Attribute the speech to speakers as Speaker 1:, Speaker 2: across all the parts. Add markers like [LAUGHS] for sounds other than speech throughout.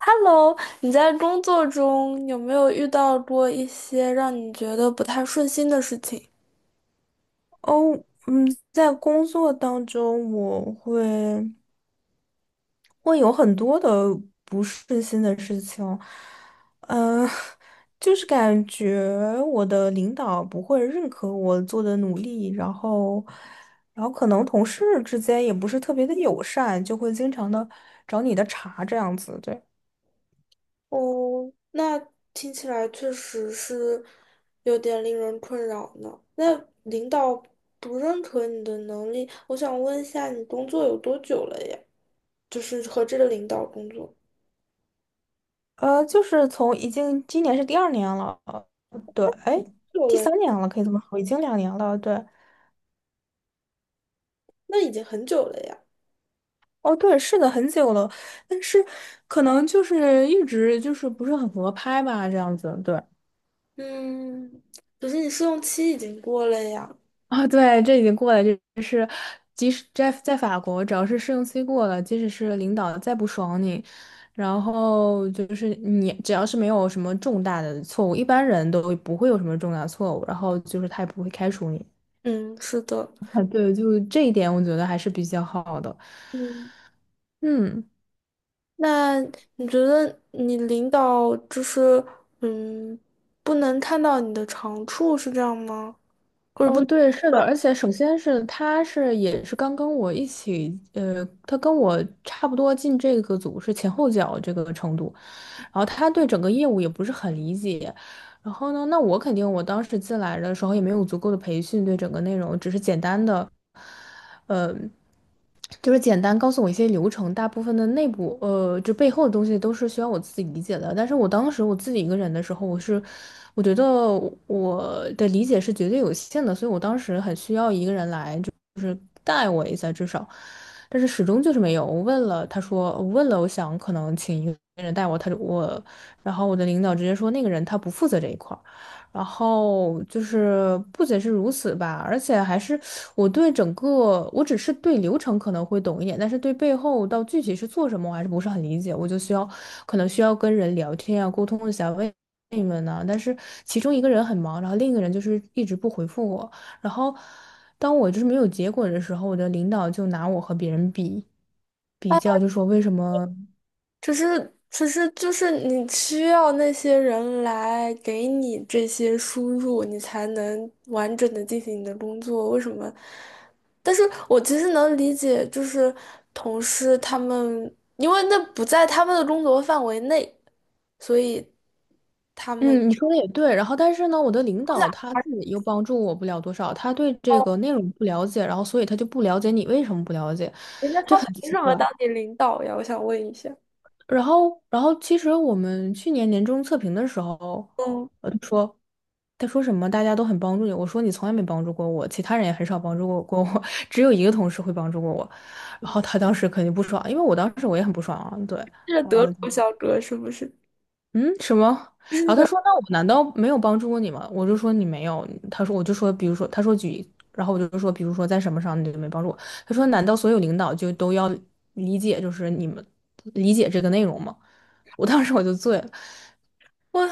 Speaker 1: Hello,你在工作中有没有遇到过一些让你觉得不太顺心的事情？
Speaker 2: 哦，嗯，在工作当中，我会有很多的不顺心的事情，嗯、[LAUGHS] 就是感觉我的领导不会认可我做的努力，然后可能同事之间也不是特别的友善，就会经常的找你的茬这样子，对，
Speaker 1: 哦，那听起来确实是有点令人困扰呢。那领导不认可你的能力，我想问一下，你工作有多久了呀？就是和这个领导工作
Speaker 2: 就是从已经今年是第二年了，对，哎，
Speaker 1: 久
Speaker 2: 第
Speaker 1: 了，
Speaker 2: 三年了，可以这么说，已经两年了，对。
Speaker 1: 那已经很久了呀。
Speaker 2: 哦，对，是的，很久了，但是可能就是一直就是不是很合拍吧，这样子，对。
Speaker 1: 嗯，可是你试用期已经过了呀。
Speaker 2: 啊，对，这已经过了，就是，即使在法国，只要是试用期过了，即使是领导再不爽你，然后就是你只要是没有什么重大的错误，一般人都不会有什么重大错误，然后就是他也不会开除你。
Speaker 1: 嗯，是的，
Speaker 2: [LAUGHS] 啊，对，就这一点我觉得还是比较好的，
Speaker 1: 嗯。
Speaker 2: 嗯。
Speaker 1: 那你觉得你领导就是嗯，不能看到你的长处是这样吗？或者不
Speaker 2: 哦，
Speaker 1: 能，
Speaker 2: 对，是的，而且首先是他是也是刚跟我一起，他跟我差不多进这个组是前后脚这个程度，然后他对整个业务也不是很理解，然后呢，那我肯定我当时进来的时候也没有足够的培训对整个内容，只是简单的。呃，就是简单告诉我一些流程，大部分的内部就背后的东西都是需要我自己理解的。但是我当时我自己一个人的时候，我觉得我的理解是绝对有限的，所以我当时很需要一个人来，就是带我一下至少。但是始终就是没有。我问了，他说我问了，我想可能请一个人带我，他就我，然后我的领导直接说那个人他不负责这一块儿。然后就是不仅是如此吧，而且还是我只是对流程可能会懂一点，但是对背后到具体是做什么，我还是不是很理解。我就需要可能需要跟人聊天啊，沟通一下，问你们呢、但是其中一个人很忙，然后另一个人就是一直不回复我。然后当我就是没有结果的时候，我的领导就拿我和别人比，比
Speaker 1: 啊，
Speaker 2: 较就说为什么。
Speaker 1: 只是就是你需要那些人来给你这些输入，你才能完整的进行你的工作。为什么？但是我其实能理解，就是同事他们，因为那不在他们的工作范围内，所以。他们。
Speaker 2: 嗯，你说的也对。然后，但是呢，我的领导他自己又帮助我不了多少，他对这个内容不了解，然后所以他就不了解你为什么不了解，
Speaker 1: 人家
Speaker 2: 就
Speaker 1: 他
Speaker 2: 很
Speaker 1: 凭
Speaker 2: 奇
Speaker 1: 什么
Speaker 2: 怪。
Speaker 1: 当你领导呀？我想问一下。
Speaker 2: 然后其实我们去年年终测评的时候，
Speaker 1: 嗯，
Speaker 2: 他说什么大家都很帮助你，我说你从来没帮助过我，其他人也很少帮助过我，[LAUGHS] 只有一个同事会帮助过我。然后他当时肯定不爽，因为我当时我也很不爽啊，对。
Speaker 1: 这是德国小哥是不是？
Speaker 2: 嗯，什么？然后他说："那我难道没有帮助过你吗？"我就说："你没有。"他说："我就说，比如说，他说举，然后我就说，比如说在什么上你就没帮助我。"他说："难道所有领导就都要理解，就是你们理解这个内容吗？"我当时我就醉了，
Speaker 1: 我，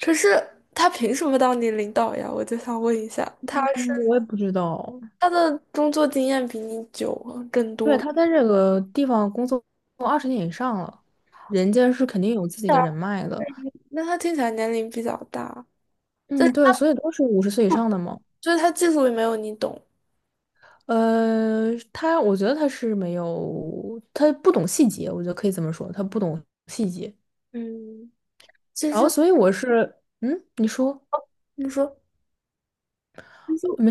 Speaker 1: 可是他凭什么当你领导呀？我就想问一下，他是
Speaker 2: 嗯我也不知道。
Speaker 1: 他的工作经验比你久啊更
Speaker 2: 对，
Speaker 1: 多，
Speaker 2: 他在这个地方工作20年以上了，人家是肯定有自己的人脉的。
Speaker 1: 那他听起来年龄比较大，但
Speaker 2: 嗯，对，所以都是五十岁以上的嘛。
Speaker 1: 就是他技术也没有你懂。
Speaker 2: 他我觉得他是没有，他不懂细节，我觉得可以这么说，他不懂细节。
Speaker 1: 嗯，其
Speaker 2: 然
Speaker 1: 实
Speaker 2: 后，所以我是，嗯，你说，
Speaker 1: 你说。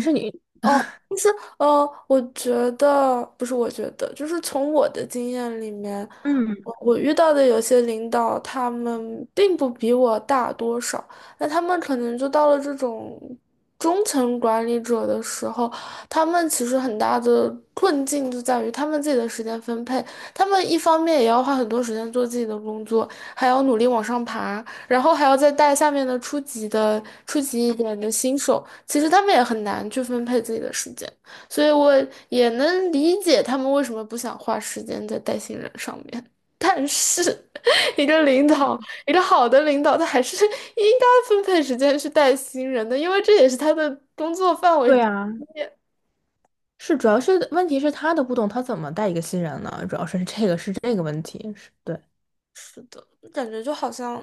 Speaker 2: 没事你，
Speaker 1: 哦，就是我觉得不是，我觉得就是从我的经验里面，
Speaker 2: 嗯，
Speaker 1: 我遇到的有些领导，他们并不比我大多少，那他们可能就到了这种中层管理者的时候，他们其实很大的困境就在于他们自己的时间分配，他们一方面也要花很多时间做自己的工作，还要努力往上爬，然后还要再带下面的初级的、初级一点的新手，其实他们也很难去分配自己的时间，所以我也能理解他们为什么不想花时间在带新人上面。但是，[LAUGHS] 一个领导，一个好的领导，他还是应该分配时间去带新人的，因为这也是他的工作范围之
Speaker 2: 对啊，
Speaker 1: 一。
Speaker 2: 是主要是问题是他的不懂，他怎么带一个新人呢？主要是这个是这个问题，是对。
Speaker 1: 感觉就好像，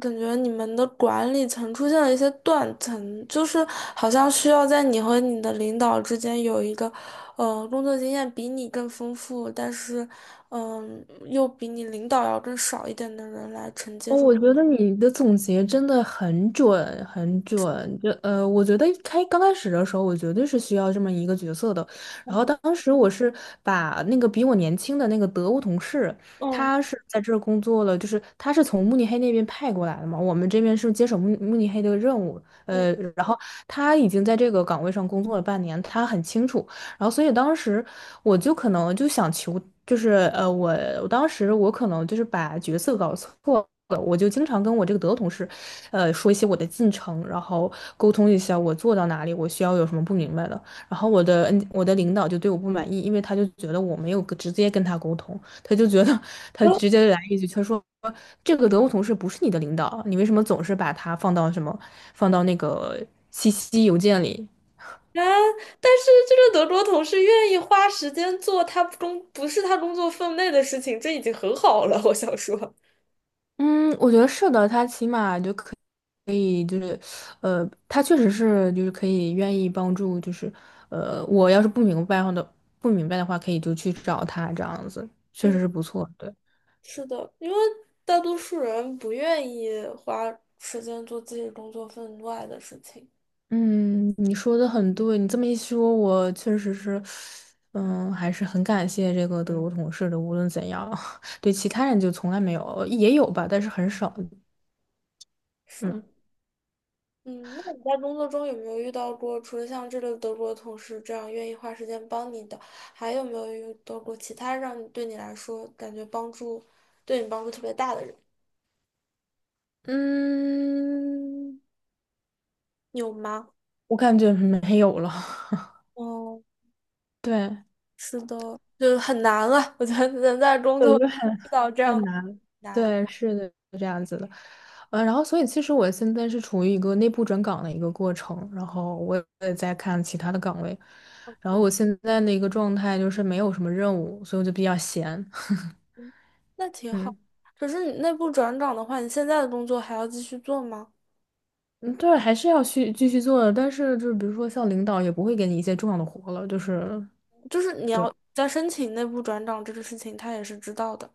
Speaker 1: 感觉你们的管理层出现了一些断层，就是好像需要在你和你的领导之间有一个，工作经验比你更丰富，但是，嗯、又比你领导要更少一点的人来承接
Speaker 2: 哦，
Speaker 1: 住。
Speaker 2: 我觉得你的总结真的很准，很准。我觉得刚开始的时候，我绝对是需要这么一个角色的。然后当时我是把那个比我年轻的那个德国同事，
Speaker 1: 嗯，啊，
Speaker 2: 他是在这儿工作了，就是他是从慕尼黑那边派过来的嘛，我们这边是接手慕尼黑的任务，然后他已经在这个岗位上工作了半年，他很清楚。然后所以当时我就可能就想求，就是我当时我可能就是把角色搞错了，我就经常跟我这个德国同事，说一些我的进程，然后沟通一下我做到哪里，我需要有什么不明白的。然后我的领导就对我不满意，因为他就觉得我没有跟直接跟他沟通，他就觉得他直接来一句，他说。这个德国同事不是你的领导啊，你为什么总是把他放到什么，放到那个信息邮件里？
Speaker 1: 但是这个德国同事愿意花时间做他工不是他工作分内的事情，这已经很好了。我想说，
Speaker 2: 嗯，我觉得是的，他起码他确实是就是可以愿意帮助，就是，我要是不明白的话，可以就去找他这样子，确实
Speaker 1: 嗯。
Speaker 2: 是不错。对，
Speaker 1: 是的，因为大多数人不愿意花时间做自己工作分外的事情。
Speaker 2: 嗯，你说的很对，你这么一说，我确实是，还是很感谢这个德国同事的，无论怎样，[LAUGHS] 对其他人就从来没有，也有吧，但是很少。
Speaker 1: 是的
Speaker 2: 嗯
Speaker 1: 嗯，那你在工作中有没有遇到过，除了像这个德国同事这样愿意花时间帮你的，还有没有遇到过其他让你对你来说感觉帮助，对你帮助特别大的人？
Speaker 2: 嗯，
Speaker 1: 有吗？
Speaker 2: 我感觉没有了。
Speaker 1: 哦，
Speaker 2: [LAUGHS] 对。
Speaker 1: 是的，就是很难了。我觉得能在工作
Speaker 2: 对，就很
Speaker 1: 遇到这样
Speaker 2: 很
Speaker 1: 的
Speaker 2: 难。
Speaker 1: 难，
Speaker 2: 对，是的，是这样子的。然后所以其实我现在是处于一个内部转岗的一个过程，然后我也在看其他的岗位，然后我现在的一个状态就是没有什么任务，所以我就比较闲。[LAUGHS]
Speaker 1: 嗯那挺好。
Speaker 2: 嗯
Speaker 1: 可是你内部转岗的话，你现在的工作还要继续做吗？
Speaker 2: 嗯，对，还是要去继续做的，但是就是比如说像领导也不会给你一些重要的活了，就是
Speaker 1: 就是你
Speaker 2: 对，
Speaker 1: 要在申请内部转岗这个事情，他也是知道的，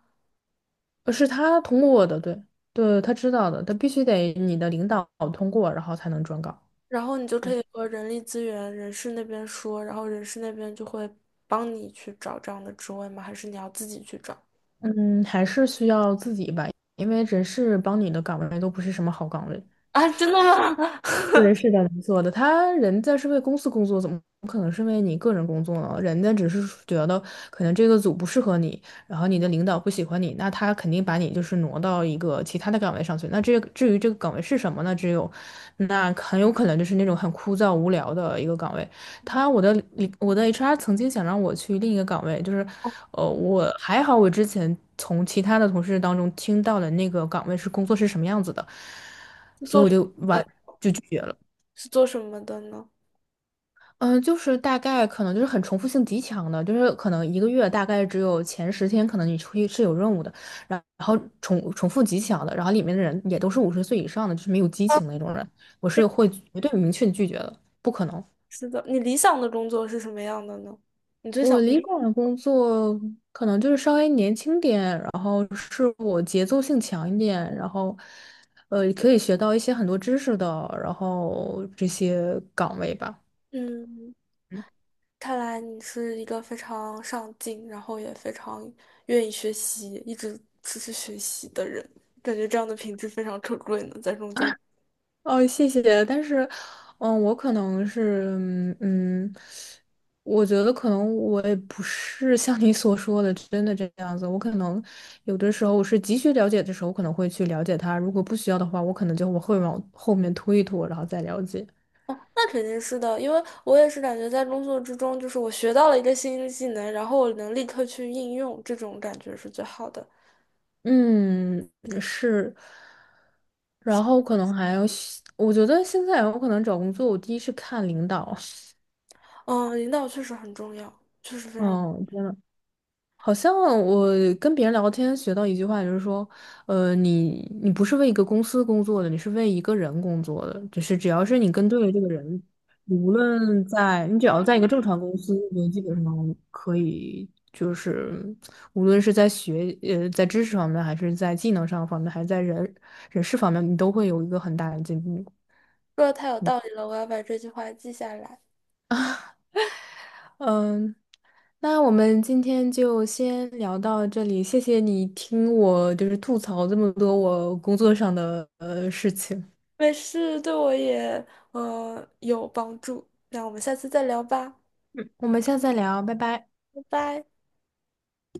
Speaker 2: 是他通过的，对对，他知道的，他必须得你的领导通过，然后才能转岗。
Speaker 1: 然后你就可
Speaker 2: 嗯。
Speaker 1: 以和人力资源、人事那边说，然后人事那边就会帮你去找这样的职位吗？还是你要自己去找？
Speaker 2: 嗯，还是需要自己吧，因为人事帮你的岗位都不是什么好岗位。
Speaker 1: 啊，真的吗？
Speaker 2: 对，是的，没错的。他人在是为公司工作，怎么可能是为你个人工作呢？人家只是觉得可能这个组不适合你，然后你的领导不喜欢你，那他肯定把你就是挪到一个其他的岗位上去。那这个至于这个岗位是什么呢？只有那很有可能就是那种很枯燥无聊的一个岗位。他我的 HR 曾经想让我去另一个岗位，就是我还好，我之前从其他的同事当中听到的那个岗位是工作是什么样子的，
Speaker 1: [LAUGHS] 是
Speaker 2: 所以
Speaker 1: 做
Speaker 2: 我
Speaker 1: 什
Speaker 2: 就
Speaker 1: 么
Speaker 2: 完。
Speaker 1: 的
Speaker 2: 就拒绝了。
Speaker 1: 是做什么的呢？
Speaker 2: 嗯，就是大概可能就是很重复性极强的，就是可能一个月大概只有前10天，可能你出去是有任务的，然后重复极强的，然后里面的人也都是五十岁以上的，就是没有激
Speaker 1: 啊，
Speaker 2: 情那种人，我是会绝对明确地拒绝的，不可能。
Speaker 1: 是的，你理想的工作是什么样的呢？你最
Speaker 2: 我
Speaker 1: 想，
Speaker 2: 理想的工作可能就是稍微年轻点，然后是我节奏性强一点，然后可以学到一些很多知识的，然后这些岗位吧。
Speaker 1: 嗯，看来你是一个非常上进，然后也非常愿意学习，一直持续学习的人，感觉这样的品质非常可贵呢，在工作。
Speaker 2: 哦，谢谢。但是，我可能是，我觉得可能我也不是像你所说的真的这样子。我可能有的时候我是急需了解的时候，我可能会去了解他；如果不需要的话，我可能就会往后面拖一拖，然后再了解。
Speaker 1: 那肯定是的，因为我也是感觉在工作之中，就是我学到了一个新技能，然后我能立刻去应用，这种感觉是最好的。
Speaker 2: 嗯，是。然后可能还有，我觉得现在我可能找工作，我第一是看领导。
Speaker 1: 嗯，领导确实很重要，确实
Speaker 2: [LAUGHS]
Speaker 1: 非常，
Speaker 2: 嗯，真的。好像我跟别人聊天学到一句话，就是说，你不是为一个公司工作的，你是为一个人工作的。就是只要是你跟对了这个人，你无论在你只要在一个正常公司，你就基本上可以，就是无论是在知识方面，还是在技能上方面，还是在人事方面，你都会有一个很大的进步。
Speaker 1: 说的太有道理了，我要把这句话记下来。
Speaker 2: 嗯，那我们今天就先聊到这里，谢谢你听我就是吐槽这么多我工作上的事情，
Speaker 1: 没事，对我也有帮助。那我们下次再聊吧，
Speaker 2: 嗯，我们下次再聊，拜拜。
Speaker 1: 拜拜。